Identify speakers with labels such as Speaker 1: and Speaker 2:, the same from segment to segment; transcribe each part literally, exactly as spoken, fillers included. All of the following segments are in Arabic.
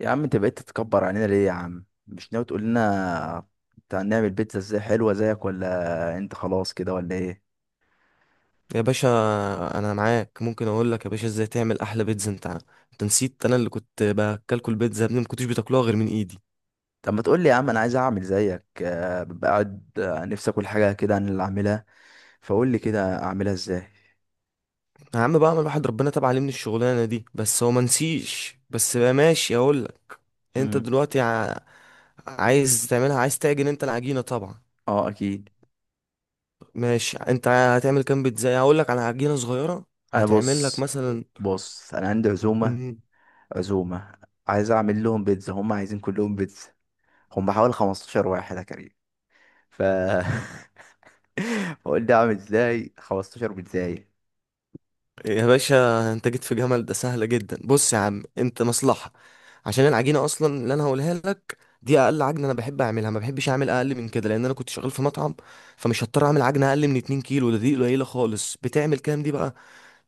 Speaker 1: يا عم انت بقيت تتكبر علينا ليه؟ يا عم مش ناوي تقول لنا بتاع نعمل بيتزا ازاي حلوه زيك، ولا انت خلاص كده ولا ايه؟
Speaker 2: يا باشا، انا معاك، ممكن اقول لك يا باشا ازاي تعمل احلى بيتزا. انت انت نسيت، انا اللي كنت باكلكوا البيتزا يا ابني، ما كنتوش بتاكلوها غير من ايدي.
Speaker 1: طب ما تقول لي يا عم، انا عايز اعمل زيك آه، ببقى قاعد آه، نفسي اكل حاجه كده انا اللي اعملها. فقول لي كده اعملها ازاي.
Speaker 2: يا عم بقى الواحد ربنا تاب عليه من الشغلانه دي، بس هو ما نسيش. بس بقى ماشي اقول لك. انت
Speaker 1: امم.
Speaker 2: دلوقتي ع... عايز تعملها، عايز تعجن انت العجينه طبعا.
Speaker 1: اه اكيد.
Speaker 2: ماشي، انت هتعمل كام بيتزا؟ هقول لك على عجينه صغيره
Speaker 1: انا
Speaker 2: هتعمل لك
Speaker 1: بص،
Speaker 2: مثلا.
Speaker 1: بص انا عندي عزومه، عزومه عايز اعمل لهم بيتزا، هم عايزين كلهم بيتزا. هم حوالي خمسة عشر واحد يا كريم. ف فقول لي اعمل ازاي خمستاشر بيتزاية.
Speaker 2: يا باشا انت جيت في جمل ده سهلة جدا. بص يا عم، انت مصلحة. عشان العجينة اصلا اللي انا هقولها لك، دي اقل عجنة انا بحب اعملها، ما بحبش اعمل اقل من كده لان انا كنت شغال في مطعم. فمش هضطر اعمل عجنة اقل من 2 كيلو. ده دي قليلة خالص. بتعمل كام دي بقى؟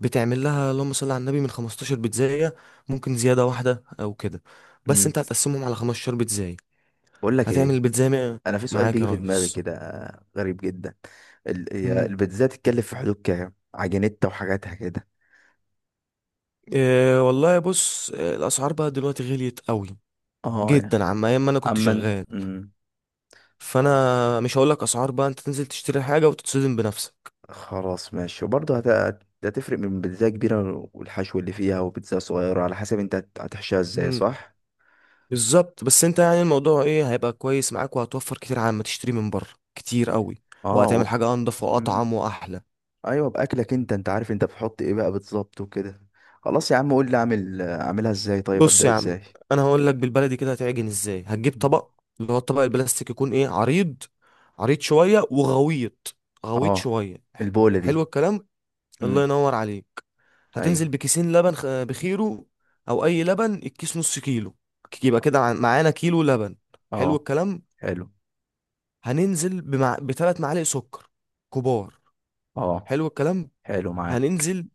Speaker 2: بتعمل لها اللهم صل على النبي من 15 بيتزاية، ممكن زيادة واحدة او كده. بس انت هتقسمهم على 15 بيتزاية.
Speaker 1: بقول لك
Speaker 2: هتعمل
Speaker 1: ايه،
Speaker 2: البيتزاية مية-
Speaker 1: انا في سؤال
Speaker 2: معاك يا
Speaker 1: بيجي في دماغي
Speaker 2: ريس.
Speaker 1: كده، غريب جدا. ال- هي
Speaker 2: مم.
Speaker 1: البيتزا تتكلف في حدود كام، عجينتها وحاجاتها كده؟
Speaker 2: اه والله بص، اه، الاسعار بقى دلوقتي غليت قوي
Speaker 1: اه يا.
Speaker 2: جدا عما ايام ما انا كنت
Speaker 1: اما ان-
Speaker 2: شغال.
Speaker 1: مم. خ-
Speaker 2: فانا مش هقول لك اسعار، بقى انت تنزل تشتري حاجه وتتصدم بنفسك.
Speaker 1: خلاص ماشي. وبرضه هت... هت- هتفرق من بيتزا كبيره والحشو اللي فيها وبيتزا صغيره، على حسب انت هت- هتحشيها ازاي،
Speaker 2: مم.
Speaker 1: صح؟
Speaker 2: بالظبط. بس انت يعني الموضوع ايه، هيبقى كويس معاك وهتوفر كتير عن ما تشتري من بره، كتير قوي.
Speaker 1: اه و...
Speaker 2: وهتعمل حاجه انضف واطعم
Speaker 1: مم.
Speaker 2: واحلى.
Speaker 1: ايوه باكلك، انت انت عارف انت بتحط ايه بقى بالظبط وكده. خلاص يا عم، قول لي اعمل، اعملها ازاي؟ طيب
Speaker 2: بص
Speaker 1: ابدا
Speaker 2: يا عم،
Speaker 1: ازاي؟
Speaker 2: انا هقول لك بالبلدي كده هتعجن ازاي. هتجيب
Speaker 1: مم.
Speaker 2: طبق، اللي هو الطبق البلاستيك، يكون ايه، عريض. عريض شويه وغويط. غويط
Speaker 1: اه،
Speaker 2: شويه ح-
Speaker 1: البوله دي؟
Speaker 2: حلو الكلام. الله
Speaker 1: مم.
Speaker 2: ينور عليك.
Speaker 1: ايوه.
Speaker 2: هتنزل بكيسين لبن خ- بخيره، او اي لبن، الكيس نص كيلو. ك- يبقى كده عن- معانا كيلو لبن. حلو
Speaker 1: اه
Speaker 2: الكلام.
Speaker 1: حلو.
Speaker 2: هننزل بمع... بثلاث معالق سكر كبار.
Speaker 1: اه
Speaker 2: حلو الكلام.
Speaker 1: حلو معاه.
Speaker 2: هننزل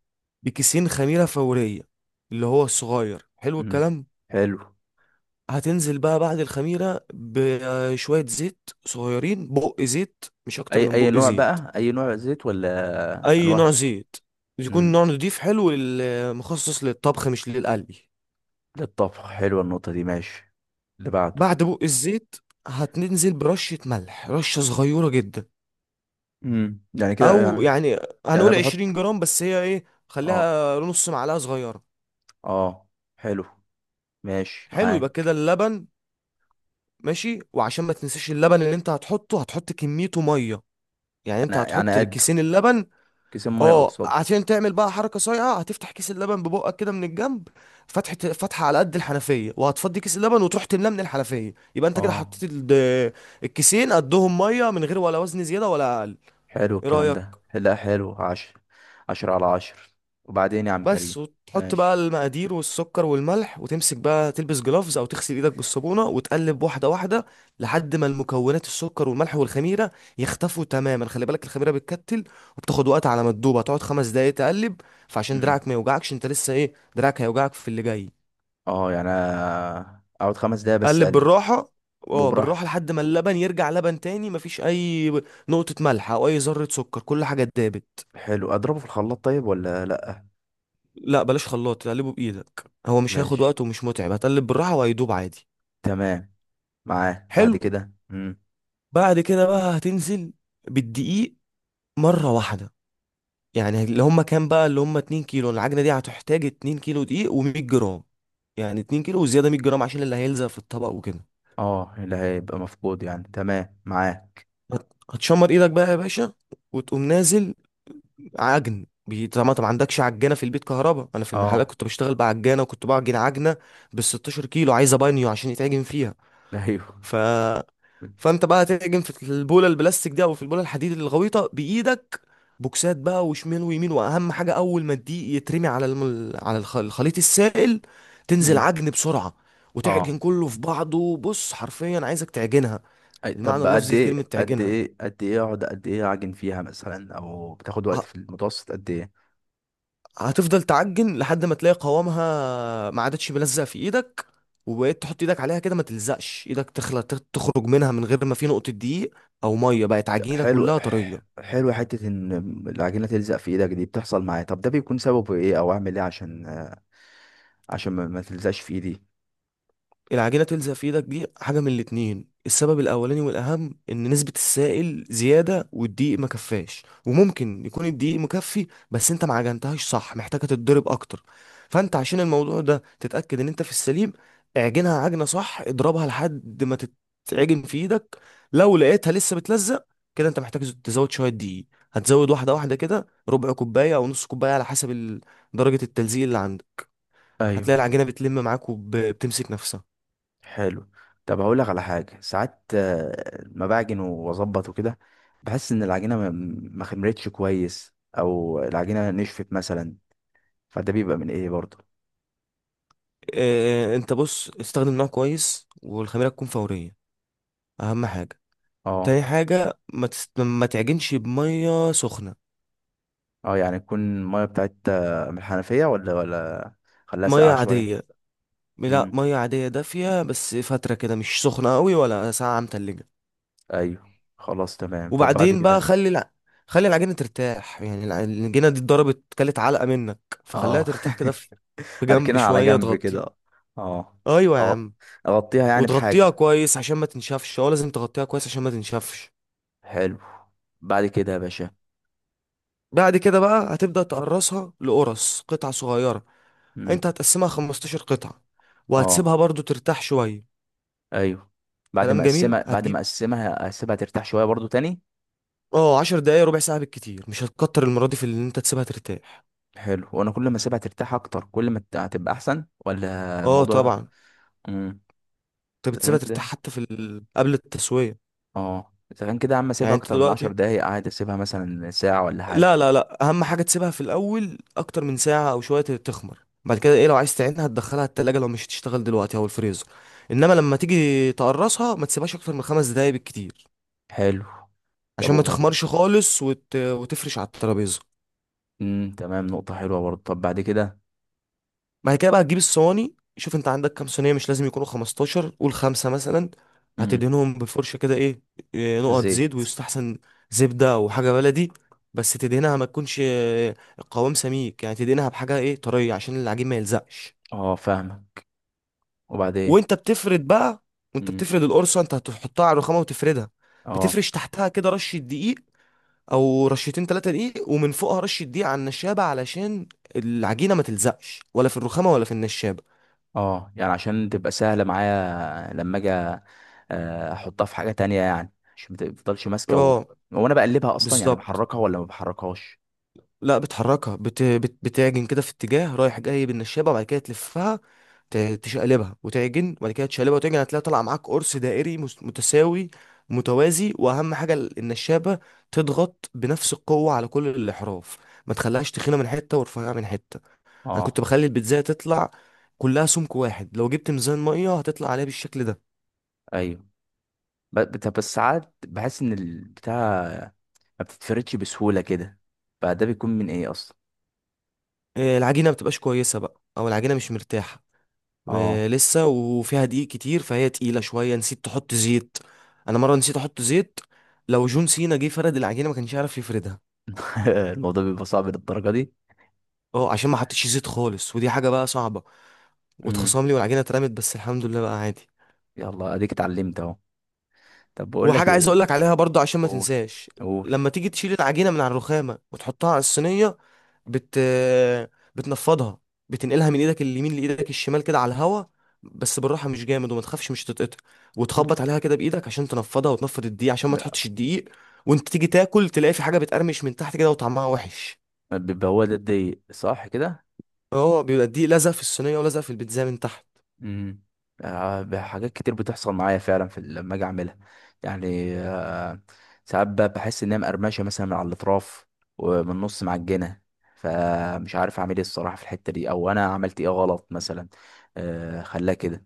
Speaker 2: بكيسين خميرة فورية اللي هو الصغير. حلو
Speaker 1: امم
Speaker 2: الكلام.
Speaker 1: حلو.
Speaker 2: هتنزل بقى بعد الخميرة بشوية زيت صغيرين، بق زيت مش أكتر
Speaker 1: اي
Speaker 2: من
Speaker 1: اي
Speaker 2: بق
Speaker 1: نوع
Speaker 2: زيت.
Speaker 1: بقى، اي نوع زيت ولا
Speaker 2: أي نوع
Speaker 1: انواع؟
Speaker 2: زيت؟ يكون
Speaker 1: امم،
Speaker 2: نوع نضيف حلو، لل- مخصص للطبخ مش للقلي.
Speaker 1: للطبخ. حلوه النقطه دي، ماشي. اللي بعده؟
Speaker 2: بعد بق الزيت هتنزل برشة ملح، رشة صغيرة جدا.
Speaker 1: امم، يعني كده يعني؟
Speaker 2: أو يعني
Speaker 1: يعني انا
Speaker 2: هنقول 20
Speaker 1: بحط.
Speaker 2: جرام، بس هي إيه،
Speaker 1: اه.
Speaker 2: خليها نص معلقة صغيرة.
Speaker 1: اه حلو ماشي
Speaker 2: حلو، يبقى
Speaker 1: معاه.
Speaker 2: كده اللبن ماشي. وعشان ما تنساش، اللبن اللي أنت هتحطه هتحط كميته مية. يعني أنت
Speaker 1: انا
Speaker 2: هتحط
Speaker 1: يعني قده؟
Speaker 2: كيسين اللبن.
Speaker 1: كيسين ميه
Speaker 2: أه،
Speaker 1: قصاده؟
Speaker 2: عشان تعمل بقى حركة صايعة هتفتح كيس اللبن ببقك كده من الجنب، فتحة فتحة على قد الحنفية، وهتفضي كيس اللبن وتروح تملاه من الحنفية. يبقى أنت كده
Speaker 1: اه.
Speaker 2: حطيت ال- الكيسين قدهم مية، من غير ولا وزن زيادة ولا أقل.
Speaker 1: حلو
Speaker 2: إيه
Speaker 1: الكلام
Speaker 2: رأيك؟
Speaker 1: ده، لا حلو عشر، عشرة على عشر. وبعدين يا عم
Speaker 2: بس
Speaker 1: كريم؟
Speaker 2: وتحط بقى
Speaker 1: ماشي.
Speaker 2: المقادير والسكر والملح، وتمسك بقى تلبس جلافز او تغسل ايدك بالصابونه، وتقلب واحده واحده لحد ما المكونات، السكر والملح والخميره، يختفوا تماما. خلي بالك الخميره بتكتل وبتاخد وقت على ما تدوب، هتقعد خمس دقايق تقلب. فعشان
Speaker 1: امم.
Speaker 2: دراعك ما يوجعكش، انت لسه ايه، دراعك هيوجعك في اللي جاي.
Speaker 1: اه يعني أنا اقعد خمس دقايق بس
Speaker 2: قلب
Speaker 1: اقلب؟
Speaker 2: بالراحه، اه بالراحه
Speaker 1: وبراحتي.
Speaker 2: لحد ما اللبن يرجع لبن تاني، مفيش اي نقطه ملح او اي ذره سكر، كل حاجه اتدابت.
Speaker 1: حلو، اضربه في الخلاط طيب ولا لا؟
Speaker 2: لا بلاش خلاط، تقلبه بايدك، هو مش هياخد
Speaker 1: ماشي،
Speaker 2: وقت ومش متعب، هتقلب بالراحه وهيدوب عادي.
Speaker 1: تمام معاه. بعد
Speaker 2: حلو.
Speaker 1: كده؟ امم.
Speaker 2: بعد كده بقى هتنزل بالدقيق مرة واحدة. يعني اللي هما كام بقى، اللي هما 2 كيلو، العجنة دي هتحتاج 2 كيلو دقيق و100 جرام. يعني 2 كيلو وزيادة 100 جرام عشان اللي هيلزق في الطبق وكده.
Speaker 1: اه، اللي هيبقى مفقود يعني. تمام معاه.
Speaker 2: هت- هتشمر ايدك بقى يا باشا وتقوم نازل عجن بي- طبعا انت ما عندكش عجانة في البيت كهربا. انا في المحلات
Speaker 1: اه
Speaker 2: كنت بشتغل بعجانة، وكنت بعجن عجنة بال 16 كيلو، عايزة بانيو عشان يتعجن فيها.
Speaker 1: ايوه.
Speaker 2: ف فانت بقى هتعجن في البوله البلاستيك دي او في البوله الحديد الغويطه بايدك، بوكسات بقى وشمال ويمين. واهم حاجه اول ما الدقيق يترمي على الم... على الخ- الخليط السائل، تنزل
Speaker 1: امم.
Speaker 2: عجن بسرعه،
Speaker 1: اه
Speaker 2: وتعجن كله في بعضه. بص حرفيا عايزك تعجنها،
Speaker 1: أي-
Speaker 2: المعنى
Speaker 1: طب قد
Speaker 2: اللفظي
Speaker 1: ايه،
Speaker 2: لكلمه
Speaker 1: قد
Speaker 2: تعجنها.
Speaker 1: ايه قد ايه اقعد قد ايه اعجن فيها مثلا، او بتاخد وقت
Speaker 2: ه-
Speaker 1: في المتوسط قد ايه؟
Speaker 2: هتفضل تعجن لحد ما تلاقي قوامها ما عادتش ملزق في ايدك، وبقيت تحط ايدك عليها كده ما تلزقش ايدك، تخلى تخرج منها من غير ما في نقطه دقيق او ميه، بقت عجينه
Speaker 1: حلو.
Speaker 2: كلها طريه.
Speaker 1: حلو حتة ان العجينة تلزق في ايدك دي بتحصل معايا، طب ده بيكون سببه ايه، او اعمل ايه عشان، عشان ما ما تلزقش في ايدي؟
Speaker 2: العجينة تلزق في ايدك دي حاجة من الاتنين، السبب الأولاني والأهم إن نسبة السائل زيادة والدقيق ما كفاش، وممكن يكون الدقيق مكفي بس أنت ما عجنتهاش صح، محتاجة تتضرب أكتر. فأنت عشان الموضوع ده تتأكد إن أنت في السليم، اعجنها عجنة صح، اضربها لحد ما تتعجن في إيدك. لو لقيتها لسه بتلزق، كده أنت محتاج تزود شوية دقيق، هتزود واحدة واحدة كده، ربع كوباية أو نص كوباية، على حسب ال- درجة التلزيق اللي عندك. هتلاقي
Speaker 1: ايوه.
Speaker 2: العجينة بتلم معاك وبتمسك نفسها.
Speaker 1: حلو. طب هقول لك على حاجه، ساعات آه، ما بعجن واظبط وكده، بحس ان العجينه ما ما خمرتش كويس، او العجينه نشفت مثلا، فده بيبقى من ايه برضه؟
Speaker 2: آه، انت بص، استخدم نوع كويس والخميرة تكون فورية، اهم حاجة. تاني
Speaker 1: اه.
Speaker 2: حاجة، ما, تست... ما تعجنش بمية سخنة.
Speaker 1: اه يعني تكون الميه بتاعت آه، من الحنفيه ولا، ولا خليها
Speaker 2: مية
Speaker 1: ساقعه شويه؟
Speaker 2: عادية. لا،
Speaker 1: امم،
Speaker 2: مية عادية دافية بس، فترة كده، مش سخنة قوي ولا ساقعة متلجة.
Speaker 1: ايوه خلاص تمام. طب بعد
Speaker 2: وبعدين بقى
Speaker 1: كده؟
Speaker 2: خلي الع... خلي العجينة ترتاح، يعني الع- العجينة دي اتضربت كلت علقة منك، فخليها
Speaker 1: اه
Speaker 2: ترتاح كده في في جنب
Speaker 1: هركنها على
Speaker 2: شوية،
Speaker 1: جنب
Speaker 2: تغطيها.
Speaker 1: كده. اه.
Speaker 2: ايوه يا
Speaker 1: اه
Speaker 2: عم،
Speaker 1: اغطيها يعني
Speaker 2: وتغطيها
Speaker 1: بحاجه؟
Speaker 2: كويس عشان ما تنشفش، هو لازم تغطيها كويس عشان ما تنشفش.
Speaker 1: حلو. بعد كده يا باشا؟
Speaker 2: بعد كده بقى هتبدأ تقرصها، لقرص قطع صغيرة.
Speaker 1: امم.
Speaker 2: انت هتقسمها 15 قطعة،
Speaker 1: اه
Speaker 2: وهتسيبها برضو ترتاح شوية.
Speaker 1: ايوه. بعد ما
Speaker 2: كلام جميل.
Speaker 1: اقسمها، بعد ما
Speaker 2: هتجيب
Speaker 1: اقسمها اسيبها ترتاح شويه برضو تاني.
Speaker 2: اه 10 دقايق ربع ساعة بالكتير، مش هتكتر المرة دي في اللي انت تسيبها ترتاح.
Speaker 1: حلو. وانا كل ما اسيبها ترتاح اكتر كل ما الت- هتبقى احسن، ولا
Speaker 2: اه
Speaker 1: الموضوع؟
Speaker 2: طبعا،
Speaker 1: امم.
Speaker 2: انت
Speaker 1: اذا كان
Speaker 2: بتسيبها ترتاح
Speaker 1: كده،
Speaker 2: حتى في ال... قبل التسوية.
Speaker 1: اه اذا كان كده يا عم
Speaker 2: يعني
Speaker 1: اسيبها
Speaker 2: انت
Speaker 1: اكتر من عشر
Speaker 2: دلوقتي،
Speaker 1: دقايق، قاعد اسيبها مثلا ساعه ولا حاجه؟
Speaker 2: لا لا لا، اهم حاجة تسيبها في الاول اكتر من ساعة او شوية تخمر. بعد كده ايه، لو عايز تعينها هتدخلها التلاجة لو مش هتشتغل دلوقتي، او الفريزر. انما لما تيجي تقرصها ما تسيبهاش اكتر من خمس دقايق بالكتير،
Speaker 1: حلو. طب
Speaker 2: عشان ما
Speaker 1: وبعد كده؟
Speaker 2: تخمرش خالص وت... وتفرش على الترابيزه.
Speaker 1: امم تمام، نقطه حلوه برضو. طب بعد كده؟
Speaker 2: بعد كده بقى هتجيب الصواني. شوف انت عندك كام صينيه، مش لازم يكونوا خمستاشر، قول خمسه مثلا.
Speaker 1: امم.
Speaker 2: هتدهنهم بالفرشه كده ايه، إيه، نقط زيت،
Speaker 1: زيت.
Speaker 2: ويستحسن زبده او حاجه بلدي. بس تدهنها ما تكونش آه، القوام سميك، يعني تدهنها بحاجه ايه طريه عشان العجين ما يلزقش.
Speaker 1: اه فاهمك. وبعدين؟
Speaker 2: وانت بتفرد بقى، وانت
Speaker 1: امم.
Speaker 2: بتفرد القرصه، انت هتحطها على الرخامه وتفردها.
Speaker 1: اه.
Speaker 2: بتفرش تحتها كده رشه دقيق او رشتين تلاتة دقيق، ومن فوقها رشة دقيق على النشابة، علشان العجينة ما تلزقش ولا في الرخامة ولا في النشابة.
Speaker 1: اه يعني عشان تبقى سهلة معايا لما اجي آه، احطها في حاجة تانية يعني، عشان ما تفضلش ماسكة و...
Speaker 2: اه
Speaker 1: وانا بقلبها اصلا يعني،
Speaker 2: بالظبط.
Speaker 1: بحركها ولا ما بحركهاش؟
Speaker 2: لا بتحركها، بت... بت... بتعجن كده في اتجاه رايح جاي بالنشابة، وبعد كده تلفها، ت... تشقلبها وتعجن، وبعد كده تشقلبها وتعجن. هتلاقي طالع معاك قرص دائري مس- متساوي متوازي. واهم حاجة ال- النشابة، تضغط بنفس القوة على كل الأحراف، ما تخليهاش تخينة من حتة ورفيعة من حتة. انا كنت
Speaker 1: اه.
Speaker 2: بخلي البيتزاية تطلع كلها سمك واحد، لو جبت ميزان ميه هتطلع عليها بالشكل ده.
Speaker 1: ايوه. ب- بت- بس ساعات بحس ان البتاع ما بتتفردش بسهولة كده، فده بيكون من ايه اصلا؟
Speaker 2: آه، العجينه ما بتبقاش كويسه بقى، او العجينه مش مرتاحه، آه،
Speaker 1: اه
Speaker 2: لسه وفيها دقيق كتير، فهي تقيله شويه. نسيت تحط زيت. انا مره نسيت احط زيت، لو جون سينا جه فرد العجينه ما كانش يعرف يفردها.
Speaker 1: الموضوع بيبقى صعب للدرجة دي؟
Speaker 2: اه عشان ما حطيتش زيت خالص، ودي حاجه بقى صعبه،
Speaker 1: امم.
Speaker 2: واتخصم لي والعجينه اترمت، بس الحمد لله بقى عادي.
Speaker 1: يلا اديك اتعلمت اهو. طب بقول لك
Speaker 2: وحاجة عايز
Speaker 1: ايه.
Speaker 2: اقولك عليها برضو عشان ما
Speaker 1: قول،
Speaker 2: تنساش.
Speaker 1: قول
Speaker 2: لما تيجي تشيل العجينة من على الرخامة وتحطها على الصينية، بت بتنفضها، بتنقلها من ايدك اليمين لايدك الشمال كده على الهوا، بس بالراحة مش جامد، وما تخافش مش تتقطع،
Speaker 1: مم.
Speaker 2: وتخبط عليها كده بايدك عشان تنفضها وتنفض الدقيق، عشان ما
Speaker 1: م-
Speaker 2: تحطش الدقيق وانت تيجي تاكل تلاقي في حاجة بتقرمش من تحت كده وطعمها وحش.
Speaker 1: بيبقى هو ده الضيق، صح كده؟
Speaker 2: اه بيبقى الدقيق لزق في الصينية ولزق في البيتزا من تحت.
Speaker 1: امم. آه، حاجات كتير بتحصل معايا فعلا في ال- لما اجي اعملها، يعني آه، ساعات ب- بحس ان هي مقرمشه مثلا من على الاطراف، ومن النص معجنه، فمش عارف اعمل ايه الصراحه في الحته دي، او انا عملت ايه غلط مثلا آه، خلاها كده؟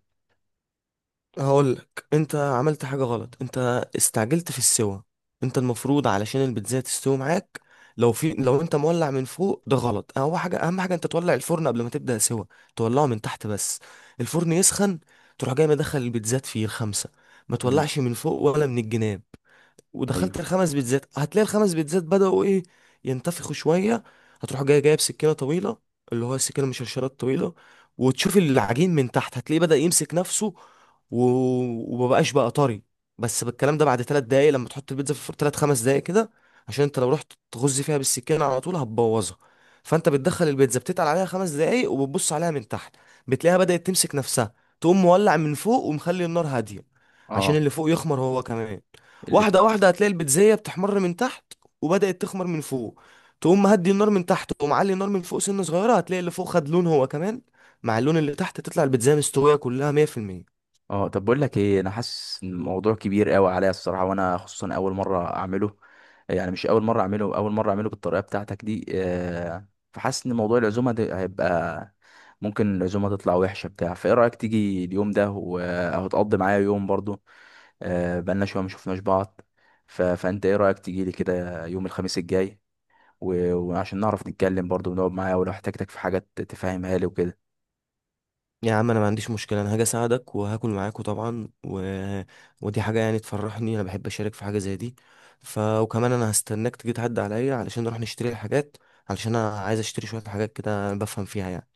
Speaker 2: هقولك، انت عملت حاجة غلط، انت استعجلت في السوا. انت المفروض علشان البيتزا تستوي معاك، لو في، لو انت مولع من فوق ده غلط. اهم حاجة، اهم حاجة، انت تولع الفرن قبل ما تبدأ سوا. تولعه من تحت بس، الفرن يسخن، تروح جاي مدخل البيتزات فيه الخمسة. ما
Speaker 1: امم.
Speaker 2: تولعش من فوق ولا من الجناب. ودخلت
Speaker 1: ايوه.
Speaker 2: الخمس بيتزات، هتلاقي الخمس بيتزات بدأوا ايه، ينتفخوا شوية. هتروح جاي جايب سكينة طويلة، اللي هو السكينة المشرشرة الطويلة، وتشوف العجين من تحت، هتلاقيه بدأ يمسك نفسه و... ومبقاش بقى طري، بس بالكلام ده بعد تلات دقايق لما تحط البيتزا في الفرن، تلات خمس دقايق كده، عشان انت لو رحت تغز فيها بالسكينة على طول هتبوظها. فانت بتدخل البيتزا بتتقل عليها خمس دقايق، وبتبص عليها من تحت، بتلاقيها بدأت تمسك نفسها، تقوم مولع من فوق ومخلي النار هادية عشان
Speaker 1: اه،
Speaker 2: اللي فوق يخمر هو كمان.
Speaker 1: اللي.
Speaker 2: واحدة واحدة هتلاقي البيتزاية بتحمر من تحت وبدأت تخمر من فوق. تقوم مهدي النار من تحت، تقوم معلي النار من فوق، سنة صغيرة هتلاقي اللي فوق خد لون هو كمان مع اللون اللي تحت، تطلع البيتزاية مستوية كلها مية في المية.
Speaker 1: اه طب بقول لك ايه، انا حاسس ان الموضوع كبير قوي عليا الصراحه، وانا خصوصا اول مره اعمله، يعني مش اول مره اعمله، اول مره اعمله بالطريقه بتاعتك دي آه، فحاسس ان موضوع العزومه ده هيبقى، ممكن العزومه تطلع وحشه بتاع. فايه رايك تيجي اليوم ده و- او تقضي معايا يوم برضو، آه، بقالنا شويه ما شفناش بعض، ف... فانت ايه رايك تيجي لي كده يوم الخميس الجاي، و... وعشان نعرف نتكلم برضو ونقعد معايا، ولو احتاجتك في حاجات تفهمها لي وكده.
Speaker 2: يا عم انا ما عنديش مشكلة، انا هاجي اساعدك وهاكل معاكوا طبعا. و... ودي حاجة يعني تفرحني، انا بحب اشارك في حاجة زي دي. ف وكمان انا هستناك تيجي تعدي عليا علشان نروح نشتري الحاجات، علشان انا عايز اشتري شوية حاجات كده أنا بفهم فيها يعني.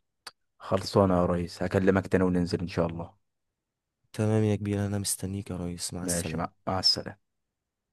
Speaker 1: خلصانه يا ريس، هكلمك تاني وننزل ان شاء الله.
Speaker 2: تمام يا كبير، انا مستنيك يا ريس، مع
Speaker 1: ماشي، مع,
Speaker 2: السلامة.
Speaker 1: مع السلامه.